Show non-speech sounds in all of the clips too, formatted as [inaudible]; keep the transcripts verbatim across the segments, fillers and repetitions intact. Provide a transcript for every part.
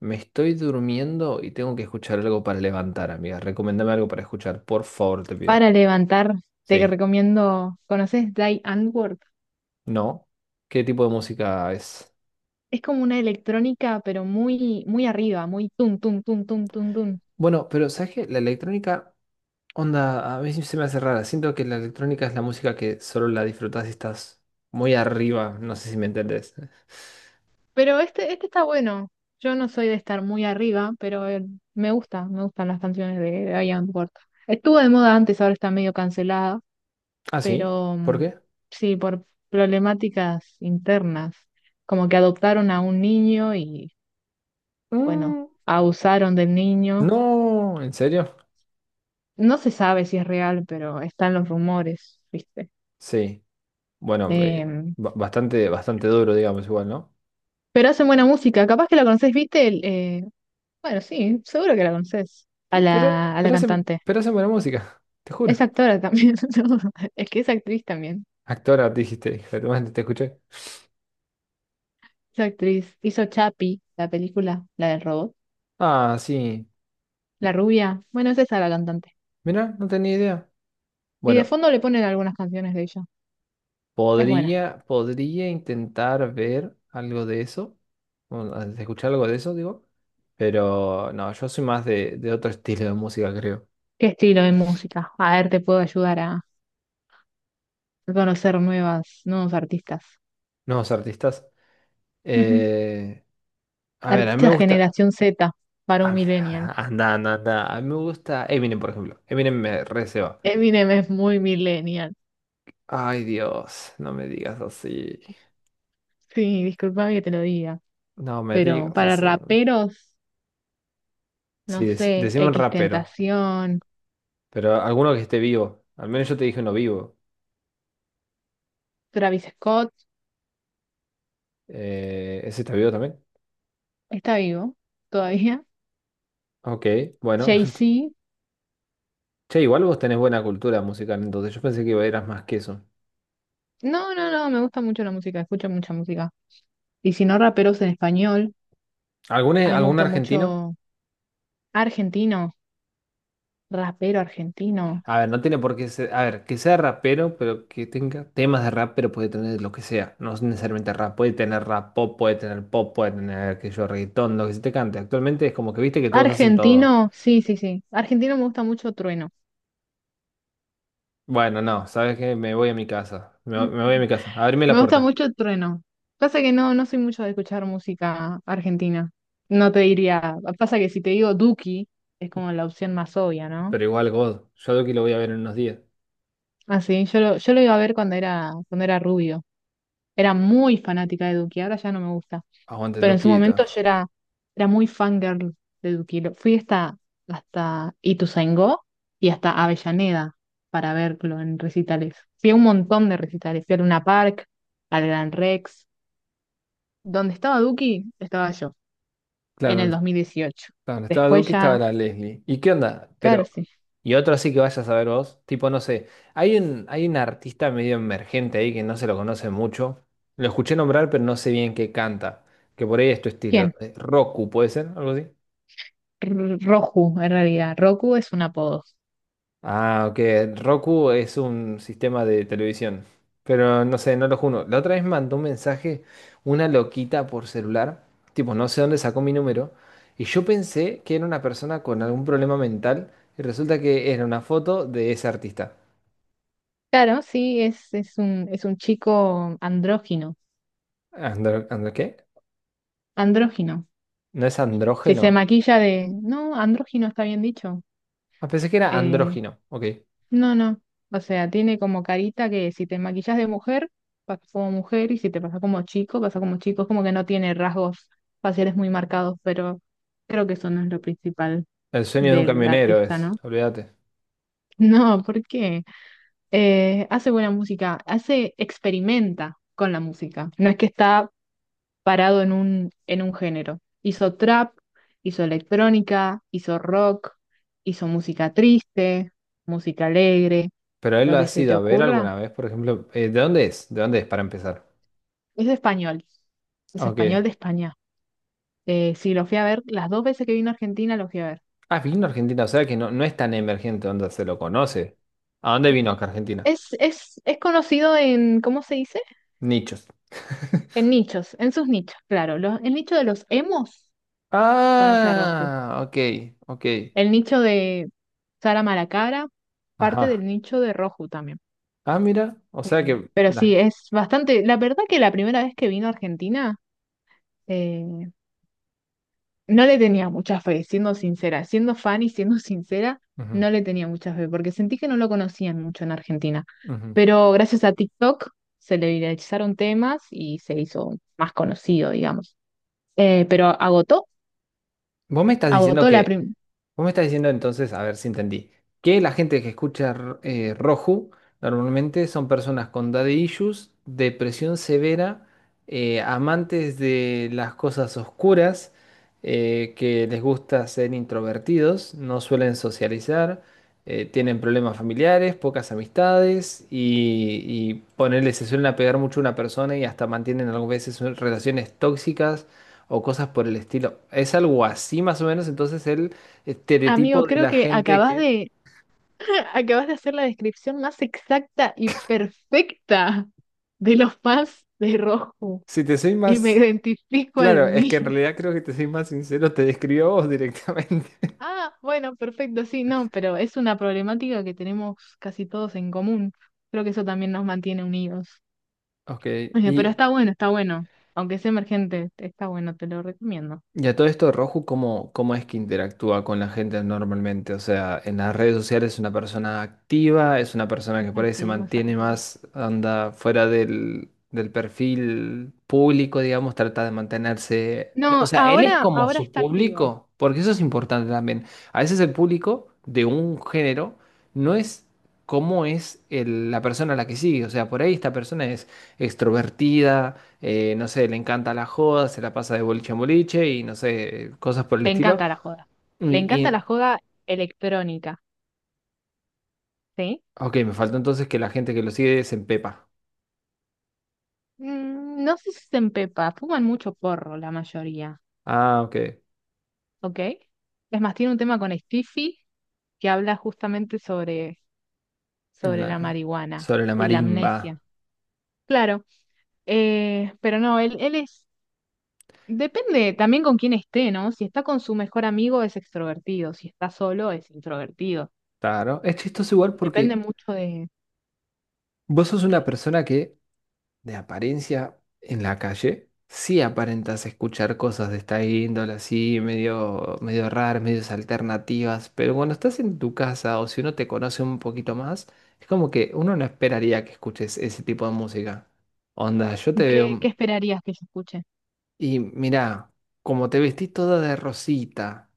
Me estoy durmiendo y tengo que escuchar algo para levantar, amiga. Recomendame algo para escuchar, por favor, te pido. Para levantar, te Sí. recomiendo, ¿conoces Die Antwoord? ¿No? ¿Qué tipo de música es? Es como una electrónica, pero muy, muy arriba, muy tum, tum, tum, tum, tum, tum. Bueno, pero ¿sabes qué? La electrónica, onda, a mí se me hace rara. Siento que la electrónica es la música que solo la disfrutas si estás muy arriba. No sé si me entendés. Pero este, este está bueno. Yo no soy de estar muy arriba, pero eh, me gusta, me gustan las canciones de, de Die Antwoord. Estuvo de moda antes, ahora está medio cancelada, ¿Ah, sí? pero ¿Por mm, qué? sí, por problemáticas internas, como que adoptaron a un niño y, bueno, Mm, abusaron del niño. no, ¿en serio? No se sabe si es real, pero están los rumores, ¿viste? Sí. Bueno, eh, Em, ba- bastante, bastante duro, digamos, igual, ¿no? pero hacen buena música. Capaz que la conocés, ¿viste? El, eh, bueno, sí, seguro que la conocés. A Pe- Pero, la, a la pero hacen, cantante. pero hacen buena música, te juro. Es actora también. [laughs] ¿No? Es que es actriz también. Actora, dijiste, hija de te escuché. Es actriz. Hizo Chapi la película, la del robot. Ah, sí. La rubia. Bueno, es esa la cantante. Mira, no tenía idea. Y de Bueno, fondo le ponen algunas canciones de ella. Es buena. podría, podría intentar ver algo de eso, bueno, a- de escuchar algo de eso, digo. Pero no, yo soy más de, de otro estilo de música, creo. ¿Qué estilo de música? A ver, te puedo ayudar a conocer nuevas, nuevos artistas. Nuevos artistas. Ujú. Eh, a ver, a mí me Artista gusta. generación Z para un ah, millennial. [laughs] Anda, anda, anda. A mí me gusta Eminem, por ejemplo. Eminem me receba. Eminem es muy millennial. Ay, Dios, no me digas así. Sí, discúlpame que te lo diga. No me Pero digas para así. raperos, Sí, no dec- sé, decime un rapero. Tentación, Pero alguno que esté vivo. Al menos yo te dije uno vivo. Travis Scott, Eh, ¿ese está vivo también? está vivo todavía. Ok, [laughs] bueno. Jay-Z. [laughs] Che, igual vos tenés buena cultura musical, entonces yo pensé que eras más que eso. No, no, no, me gusta mucho la música, escucho mucha música. Y si no raperos en español, ¿Algún, a mí me algún gusta argentino? mucho argentino, rapero argentino. A ver, no tiene por qué ser. A ver, que sea rapero, pero que tenga temas de rap, pero puede tener lo que sea. No es necesariamente rap, puede tener rap pop, puede tener pop, puede tener que yo reggaetón, lo que se te cante. Actualmente es como que viste que todos hacen todo. Argentino, sí, sí, sí. Argentino me gusta mucho Trueno. Bueno, no, sabes que me voy a mi casa. Me, me voy a mi casa. Abrime la Me gusta puerta. mucho Trueno. Pasa que no, no soy mucho de escuchar música argentina. No te diría. Pasa que si te digo Duki, es como la opción más obvia, ¿no? Pero igual, God, yo creo que lo voy a ver en unos días. Así, yo lo, yo lo iba a ver cuando era, cuando era rubio. Era muy fanática de Duki, ahora ya no me gusta. Aguante, el Pero en su Luquita. momento yo era, era muy fangirl de Duki. Lo- Fui hasta, hasta Ituzaingó y hasta Avellaneda para verlo en recitales. Fui a un montón de recitales. Fui al Luna Park, al Gran Rex. Donde estaba Duki, estaba yo, en Claro, el dos mil dieciocho. claro, estaba Después Duki, estaba ya, la Leslie. ¿Y qué onda? claro, Pero, sí. y otro sí que vayas a saber vos. Tipo, no sé. Hay un, hay un artista medio emergente ahí que no se lo conoce mucho. Lo escuché nombrar, pero no sé bien qué canta. Que por ahí es tu estilo. ¿Quién? Eh, Roku, ¿puede ser? Algo así. R- Roku, en realidad. Roku es un apodo. Ah, ok. Roku es un sistema de televisión. Pero no sé, no lo juro. La otra vez mandó un mensaje una loquita por celular. Tipo, no sé dónde sacó mi número. Y yo pensé que era una persona con algún problema mental. Y resulta que era una foto de ese artista. Claro, sí, es, es un, es un chico andrógino. Andro, andro- ¿qué? Andrógino. ¿No es Si se andrógeno? maquilla de... No, andrógino está bien dicho. Ah, pensé que era Eh, andrógino. Ok. no, no. O sea, tiene como carita que si te maquillas de mujer, pasa como mujer, y si te pasa como chico, pasa como chico. Es como que no tiene rasgos faciales muy marcados, pero creo que eso no es lo principal El sueño de un del camionero artista, es. ¿no? Olvídate. [laughs] No, ¿por qué? eh, hace buena música, hace, experimenta con la música. No es que está parado en un, en un género. Hizo trap, hizo electrónica, hizo rock, hizo música triste, música alegre, Pero él lo lo ha que se sido te a ver ocurra. alguna vez, por ejemplo. Eh, ¿de dónde es? ¿De dónde es para empezar? Es español, es español Ok. de España. Eh, sí, lo fui a ver, las dos veces que vino a Argentina lo fui a ver. Ah, vino a Argentina, o sea que no, no es tan emergente donde se lo conoce. ¿A dónde vino acá a Argentina? Es, es, es conocido en, ¿cómo se dice? Nichos. En [laughs] nichos, en sus nichos, claro. Los, el nicho de los emos conoce a Roju. Ah, ok, ok. El nicho de Sara Malacara, parte Ajá. del nicho de Roju también. Ah, mira, o sea Eh, que... pero sí, La... es bastante. La verdad que la primera vez que vino a Argentina, eh, no le tenía mucha fe, siendo sincera. Siendo fan y siendo [laughs] sincera, Ujú, no le tenía mucha fe, porque sentí que no lo conocían mucho en Argentina. ujú. Pero gracias a TikTok se le viralizaron temas y se hizo más conocido, digamos. Eh, pero agotó, Vos me estás diciendo agotó la que, primera. vos me estás diciendo entonces, a ver si entendí, que la gente que escucha r- eh, Roju normalmente son personas con daddy issues, depresión severa, eh, amantes de las cosas oscuras, eh, que les gusta ser introvertidos, no suelen socializar, eh, tienen problemas familiares, pocas amistades y, y ponele, se suelen apegar mucho a una persona y hasta mantienen algunas veces relaciones tóxicas o cosas por el estilo. Es algo así más o menos, entonces el Amigo, estereotipo de creo la que gente acabas que, de acabas de hacer la descripción más exacta y perfecta de los fans de Rojo si te soy y me más, identifico al claro, es que en mil. realidad creo que te soy más sincero, te describió vos directamente. [laughs] Ah, bueno, perfecto, sí, no, pero es una problemática que tenemos casi todos en común. Creo que eso también nos mantiene unidos. Ok, Oye, pero y está bueno, está bueno. Aunque sea emergente, está bueno, te lo recomiendo. Y a todo esto, Roju, ¿cómo, cómo es que interactúa con la gente normalmente? O sea, en las redes sociales es una persona activa, es una persona Es que por ahí se activo, es mantiene activo. más, anda fuera del, del perfil público, digamos, trata de mantenerse... O No, sea, él es ahora, como ahora su está activo. público, porque eso es importante también. A veces el público de un género no es como es el- la persona a la que sigue. O sea, por ahí esta persona es extrovertida eh, no sé, le encanta la joda, se la pasa de boliche en boliche y no sé, cosas por el Le estilo. encanta la joda. Y, Le encanta la y- joda electrónica, ¿sí? ok, me faltó entonces que la gente que lo sigue se empepa. Mm, no sé si se empepa, fuman mucho porro la mayoría, Ah, ok. ¿ok? Es más, tiene un tema con Stiffy que habla justamente sobre, sobre la La- marihuana sobre la y la amnesia. marimba. Claro, eh, pero no, él, él es, depende también con quién esté, ¿no? Si está con su mejor amigo es extrovertido, si está solo es introvertido. Claro. Es chistoso igual Depende porque mucho de vos sos una qué, persona que de apariencia en la calle, sí aparentas escuchar cosas de esta índole, así medio, medio raras, medio alternativas, pero cuando estás en tu casa o si uno te conoce un poquito más, es como que uno no esperaría que escuches ese tipo de música. Onda, yo te qué, veo qué esperarías que yo escuche. y mirá, como te vestís toda de rosita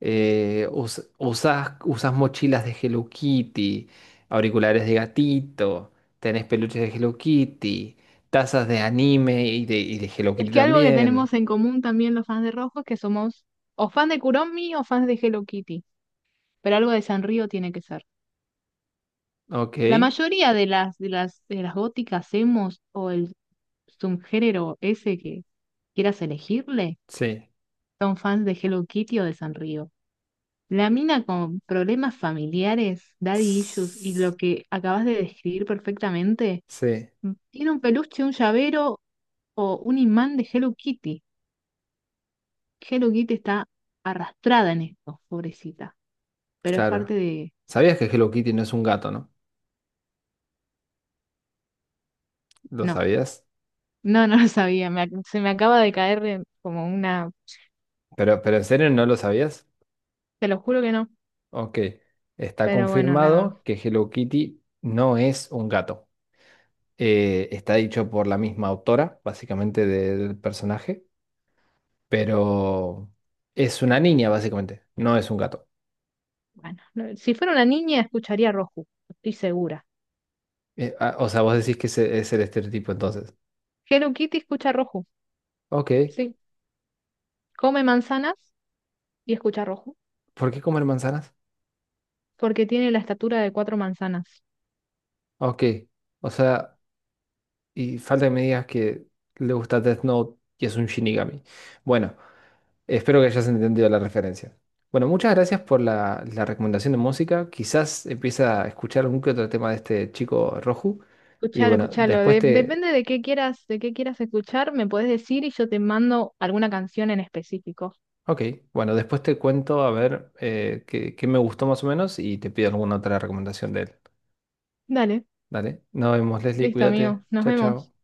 eh, us- usás, usás mochilas de Hello Kitty, auriculares de gatito, tenés peluches de Hello Kitty, tazas de anime y de, y de Hello Es Kitty que algo que también. tenemos en común también los fans de Rojo es que somos o fans de Kuromi o fans de Hello Kitty. Pero algo de Sanrío tiene que ser. Ok, La mayoría de las, de las, de las góticas emos o el subgénero ese que quieras elegirle sí. son fans de Hello Kitty o de Sanrío. La mina con problemas familiares, daddy issues y S- lo que acabas de describir perfectamente, Sí, tiene un peluche, un llavero o un imán de Hello Kitty. Hello Kitty está arrastrada en esto, pobrecita. Pero es claro. parte de... ¿Sabías que Hello Kitty no es un gato, no? ¿Lo No, sabías? no, no lo sabía. Me ac- se me acaba de caer en- como una... Pero, ¿pero en serio no lo sabías? Te lo juro que no. Ok. Está Pero bueno, nada. confirmado que Hello Kitty no es un gato. Eh, está dicho por la misma autora, básicamente, del personaje. Pero es una niña básicamente, no es un gato. Bueno, no- si fuera una niña escucharía Roju, estoy segura. Eh, ah, o sea, vos decís que ese es el estereotipo entonces. Hello Kitty escucha Roju, Ok, sí. Come manzanas y escucha Roju, ¿por qué comer manzanas? porque tiene la estatura de cuatro manzanas. Ok, o sea, y falta que me digas que le gusta Death Note y es un Shinigami. Bueno, espero que hayas entendido la referencia. Bueno, muchas gracias por la, la recomendación de música. Quizás empiece a escuchar algún que otro tema de este chico Roju. Y Escuchalo, bueno, escuchalo. después de- te, Depende de qué quieras, de qué quieras escuchar, me podés decir y yo te mando alguna canción en específico. Ok, bueno, después te cuento a ver eh, qué, qué me gustó más o menos y te pido alguna otra recomendación de él. Dale, Dale, nos vemos, Leslie, listo, cuídate. amigo. Nos Chao, vemos. chao.